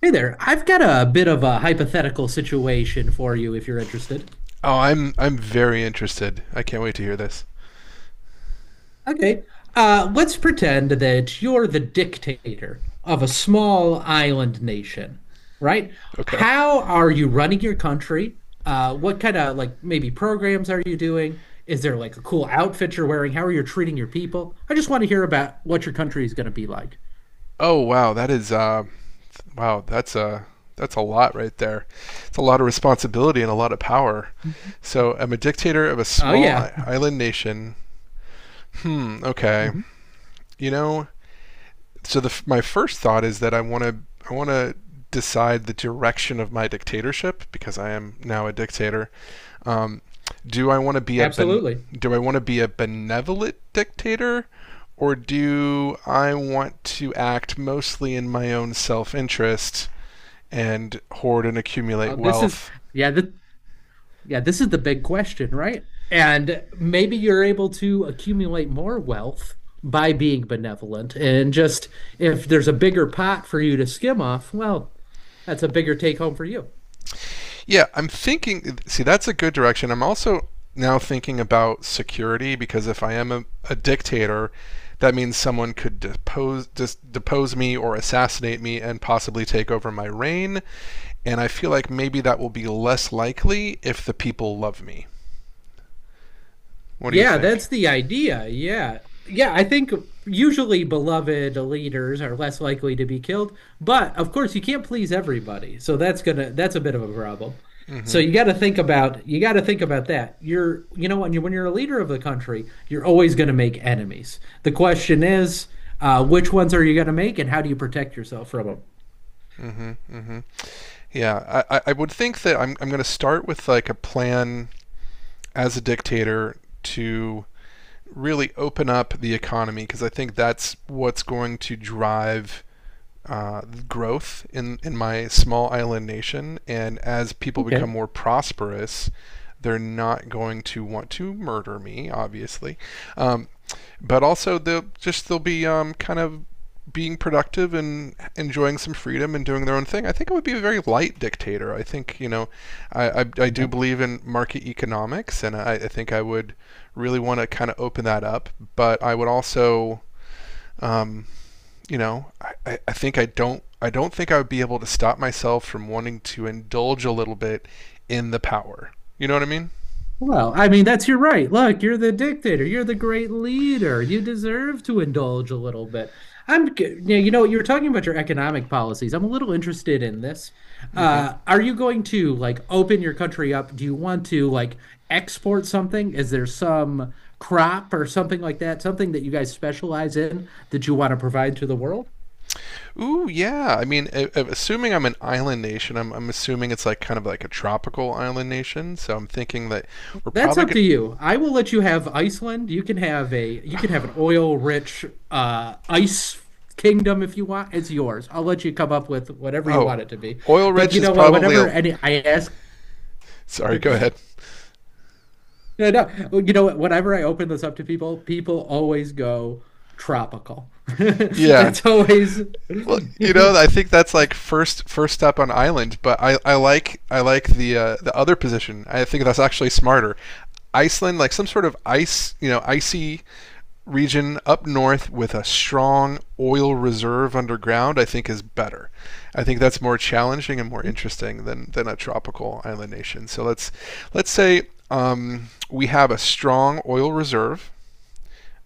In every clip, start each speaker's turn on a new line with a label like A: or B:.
A: Hey there. I've got a bit of a hypothetical situation for you if you're interested.
B: Oh, I'm very interested. I can't wait to hear this.
A: Okay. Let's pretend that you're the dictator of a small island nation, right?
B: Okay.
A: How are you running your country? What kind of like maybe programs are you doing? Is there like a cool outfit you're wearing? How are you treating your people? I just want to hear about what your country is going to be like.
B: Oh wow, that is wow, that's a lot right there. It's a lot of responsibility and a lot of power.
A: Mhm.
B: So I'm a dictator of a
A: Oh
B: small
A: yeah.
B: island nation. Hmm. Okay.
A: Mhm.
B: You know, so my first thought is that I want to decide the direction of my dictatorship because I am now a dictator. Um, do I want to be a ben-
A: Absolutely.
B: do I want to be a benevolent dictator, or do I want to act mostly in my own self-interest and hoard and
A: Oh,
B: accumulate
A: this is
B: wealth?
A: yeah, yeah, this is the big question, right? And maybe you're able to accumulate more wealth by being benevolent. And just if there's a bigger pot for you to skim off, well, that's a bigger take home for you.
B: Yeah, I'm thinking. See, that's a good direction. I'm also now thinking about security because if I am a dictator, that means someone could depose me or assassinate me and possibly take over my reign. And I feel like maybe that will be less likely if the people love me. What do you
A: Yeah,
B: think?
A: that's the idea. Yeah. Yeah, I think usually beloved leaders are less likely to be killed, but of course you can't please everybody. So that's a bit of a problem. So
B: Mm-hmm.
A: you got to think about that. You know, when you're a leader of the country, you're always going to make enemies. The question is, which ones are you going to make, and how do you protect yourself from them?
B: Mm-hmm. Mm-hmm. Yeah, I would think that I'm going to start with like a plan as a dictator to really open up the economy because I think that's what's going to drive uh, growth in my small island nation. And as people become
A: Okay.
B: more prosperous, they're not going to want to murder me, obviously. Um, but also, they'll be kind of being productive and enjoying some freedom and doing their own thing. I think I would be a very light dictator. I think you know, I do
A: Yeah.
B: believe in market economics, and I think I would really want to kind of open that up. But I would also um, you know, I think I don't think I would be able to stop myself from wanting to indulge a little bit in the power. You know what I mean?
A: Well, I mean, that's your right. Look, you're the dictator. You're the great leader. You deserve to indulge a little bit. You know, you're talking about your economic policies. I'm a little interested in this.
B: Hmm.
A: Are you going to like open your country up? Do you want to like export something? Is there some crop or something like that, something that you guys specialize in that you want to provide to the world?
B: Ooh, yeah. I mean, assuming I'm an island nation, I'm assuming it's like kind of like a tropical island nation. So I'm thinking that we're
A: That's
B: probably
A: up
B: good.
A: to you. I will let you have Iceland. You can have an oil-rich ice kingdom if you want. It's yours. I'll let you come up with whatever you want
B: Oh,
A: it to be.
B: oil
A: But
B: rich
A: you
B: is
A: know what?
B: probably a.
A: Whenever any I ask,
B: Sorry, go ahead.
A: no, no, you know what? Whenever I open this up to people, people always go tropical.
B: Yeah.
A: That's always.
B: Well, you know, I think that's like first step on Island, but I like the other position. I think that's actually smarter. Iceland, like some sort of ice, you know, icy region up north with a strong oil reserve underground, I think is better. I think that's more challenging and more interesting than a tropical island nation. So let's say we have a strong oil reserve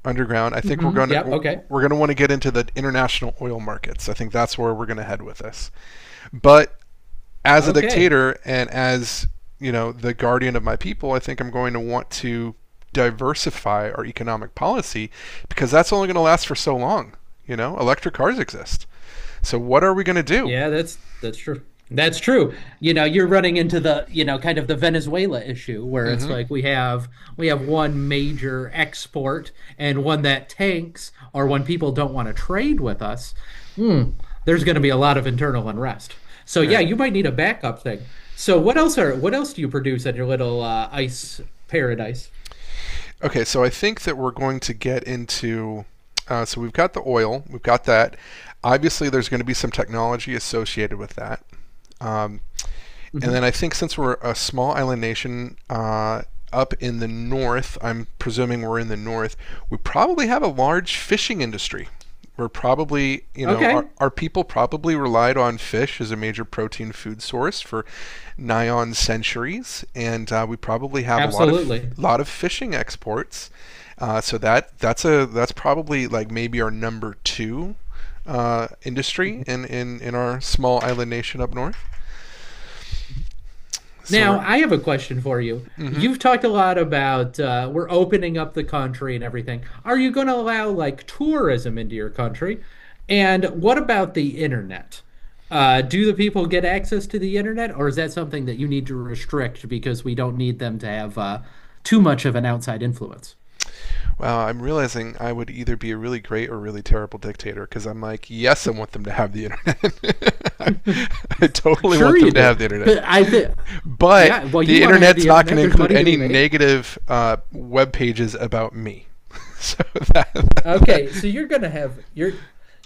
B: underground. I
A: Mhm,
B: think
A: mhm. Yep. Okay.
B: we're going to want to get into the international oil markets. I think that's where we're going to head with this. But as a
A: Okay.
B: dictator and as you know the guardian of my people, I think I'm going to want to diversify our economic policy because that's only going to last for so long. You know, electric cars exist. So what are we going to do?
A: Yeah, that's true. That's true. You know, you're running into the, you know, kind of the Venezuela issue where it's
B: Mm-hmm.
A: like we have one major export and one that tanks or when people don't want to trade with us, hmm, there's going to be a lot of internal unrest. So yeah,
B: Right.
A: you might need a backup thing. So what else do you produce at your little ice paradise?
B: Okay. So I think that we're going to get into. So we've got the oil. We've got that. Obviously, there's going to be some technology associated with that. Um, and
A: Hmm.
B: then I think since we're a small island nation up in the north, I'm presuming we're in the north, we probably have a large fishing industry. We're probably, you know,
A: Okay,
B: our people probably relied on fish as a major protein food source for nigh on centuries, and we probably have a
A: absolutely.
B: lot of fishing exports. So that's a that's probably like maybe our number two industry
A: Mm-hmm.
B: in our small island nation up north. So we're.
A: Now, I have a question for you.
B: Mm-hmm.
A: You've talked a lot about we're opening up the country and everything. Are you going to allow like tourism into your country? And what about the internet? Do the people get access to the internet, or is that something that you need to restrict because we don't need them to have too much of an outside influence?
B: Wow, I'm realizing I would either be a really great or really terrible dictator because I'm like, yes, I want them to have the internet. I totally
A: Sure,
B: want
A: you
B: them to
A: do.
B: have the
A: But
B: internet,
A: I think,
B: but
A: yeah, well, you
B: the
A: want to have
B: internet's
A: the
B: not going
A: internet.
B: to
A: There's
B: include
A: money to
B: any
A: be made.
B: negative web pages about me. So that,
A: Okay, so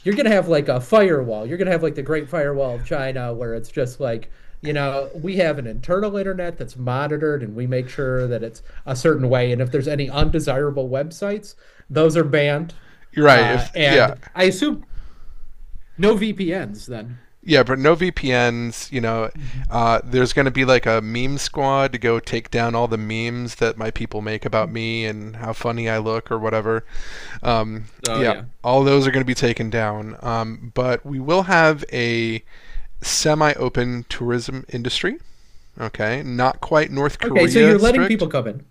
A: you're gonna have like a firewall. You're gonna have like the Great Firewall of China, where it's just like, you know, we have an internal internet that's monitored and we make sure that it's a certain way. And if there's any undesirable websites, those are banned.
B: you're right.
A: Uh,
B: If yeah,
A: and I assume no VPNs then.
B: yeah, but no VPNs. You know,
A: Mhm.
B: there's going to be like a meme squad to go take down all the memes that my people make about me and how funny I look or whatever. Um,
A: So
B: yeah,
A: yeah.
B: all those are going to be taken down. But we will have a semi-open tourism industry. Okay, not quite North
A: Okay, so
B: Korea
A: you're letting
B: strict,
A: people come in.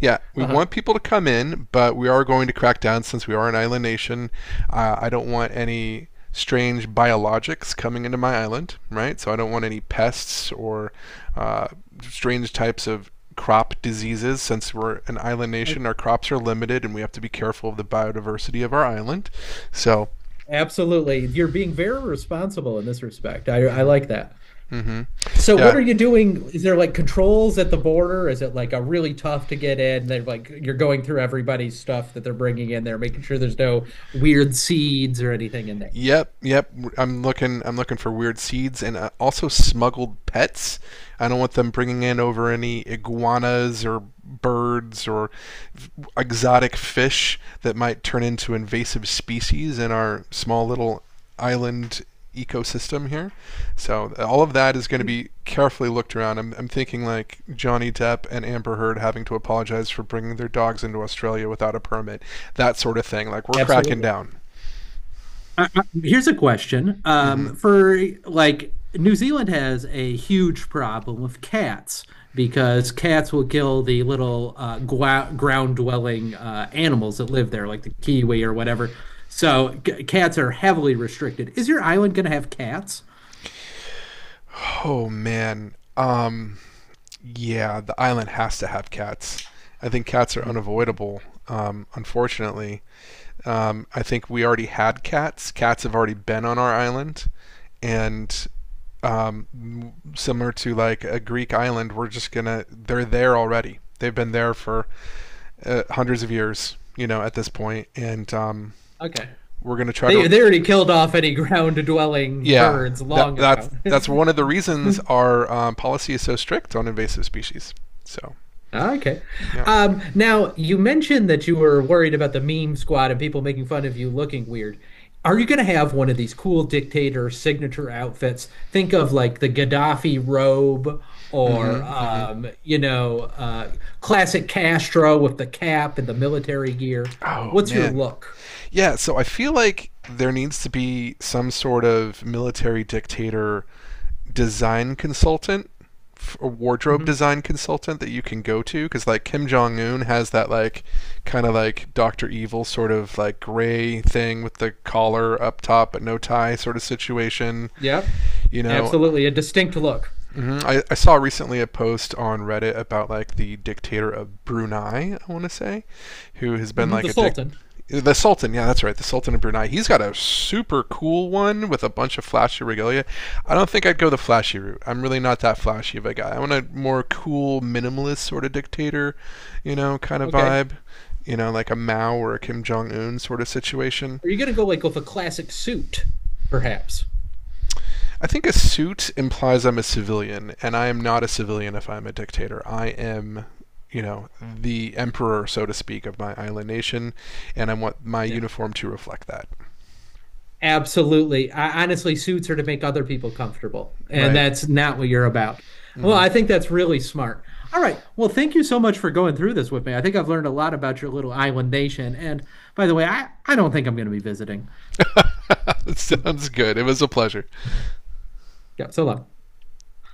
B: yeah, we want
A: Uh-huh.
B: people to come in, but we are going to crack down since we are an island nation. I don't want any strange biologics coming into my island, right? So I don't want any pests or uh, strange types of crop diseases. Since we're an island
A: Uh,
B: nation, our crops are limited and we have to be careful of the biodiversity of our island. So,
A: Absolutely. You're being very responsible in this respect. I like that.
B: mhm,
A: So what
B: yeah.
A: are you doing? Is there like controls at the border? Is it like a really tough to get in? They're like you're going through everybody's stuff that they're bringing in there, making sure there's no weird seeds or anything in there.
B: Yep, yep. I'm looking for weird seeds and also smuggled pets. I don't want them bringing in over any iguanas or birds or f- exotic fish that might turn into invasive species in our small little island ecosystem here. So all of that is going to be carefully looked around. I'm thinking like Johnny Depp and Amber Heard having to apologize for bringing their dogs into Australia without a permit, that sort of thing. Like we're cracking
A: Absolutely.
B: down.
A: Here's a question.
B: Mm-hmm.
A: For like New Zealand has a huge problem with cats because cats will kill the little ground dwelling animals that live there, like the kiwi or whatever. So cats are heavily restricted. Is your island going to have cats?
B: Oh man, yeah, the island has to have cats. I think cats are
A: Mm, mhm.
B: unavoidable. Unfortunately, I think we already had cats. Cats have already been on our island, and um, similar to like a Greek island, we're just gonna. They're there already. They've been there for hundreds of years, you know, at this point, and
A: Okay.
B: we're gonna try
A: They
B: to.
A: already killed off any ground dwelling
B: Yeah,
A: birds long ago.
B: that's one of the reasons our policy is so strict on invasive species. So
A: Okay.
B: yeah.
A: Now you mentioned that you were worried about the meme squad and people making fun of you looking weird. Are you going to have one of these cool dictator signature outfits? Think of like the Gaddafi robe or
B: Mm-hmm. Mm-hmm.
A: classic Castro with the cap and the military gear.
B: Oh
A: What's your
B: man.
A: look?
B: Yeah. So I feel like there needs to be some sort of military dictator design consultant a wardrobe
A: Hmm.
B: design consultant that you can go to because like Kim jong-un has that like kind of like Dr. Evil sort of like gray thing with the collar up top but no tie sort of situation,
A: Yep,
B: you know.
A: absolutely a distinct look.
B: Hmm. I saw recently a post on Reddit about like the dictator of Brunei, I want to say, who has been
A: Hmm.
B: like
A: The
B: a dic
A: Sultan.
B: the Sultan, yeah, that's right. The Sultan of Brunei. He's got a super cool one with a bunch of flashy regalia. I don't think I'd go the flashy route. I'm really not that flashy of a guy. I want a more cool, minimalist sort of dictator, you know, kind of
A: Okay.
B: vibe. You know, like a Mao or a Kim Jong Un sort of situation.
A: Are you going to go like with a classic suit, perhaps?
B: I think a suit implies I'm a civilian, and I am not a civilian if I'm a dictator. I am, you know, the emperor, so to speak, of my island nation, and I want my
A: Yeah,
B: uniform to reflect that.
A: absolutely. Honestly, suits are to make other people comfortable, and
B: Right.
A: that's not what you're about. Well,
B: Mm-hmm.
A: I think that's really smart. All right. Well, thank you so much for going through this with me. I think I've learned a lot about your little island nation. And by the way, I don't think I'm going to be visiting.
B: Sounds good. It was a pleasure.
A: Yeah. So long.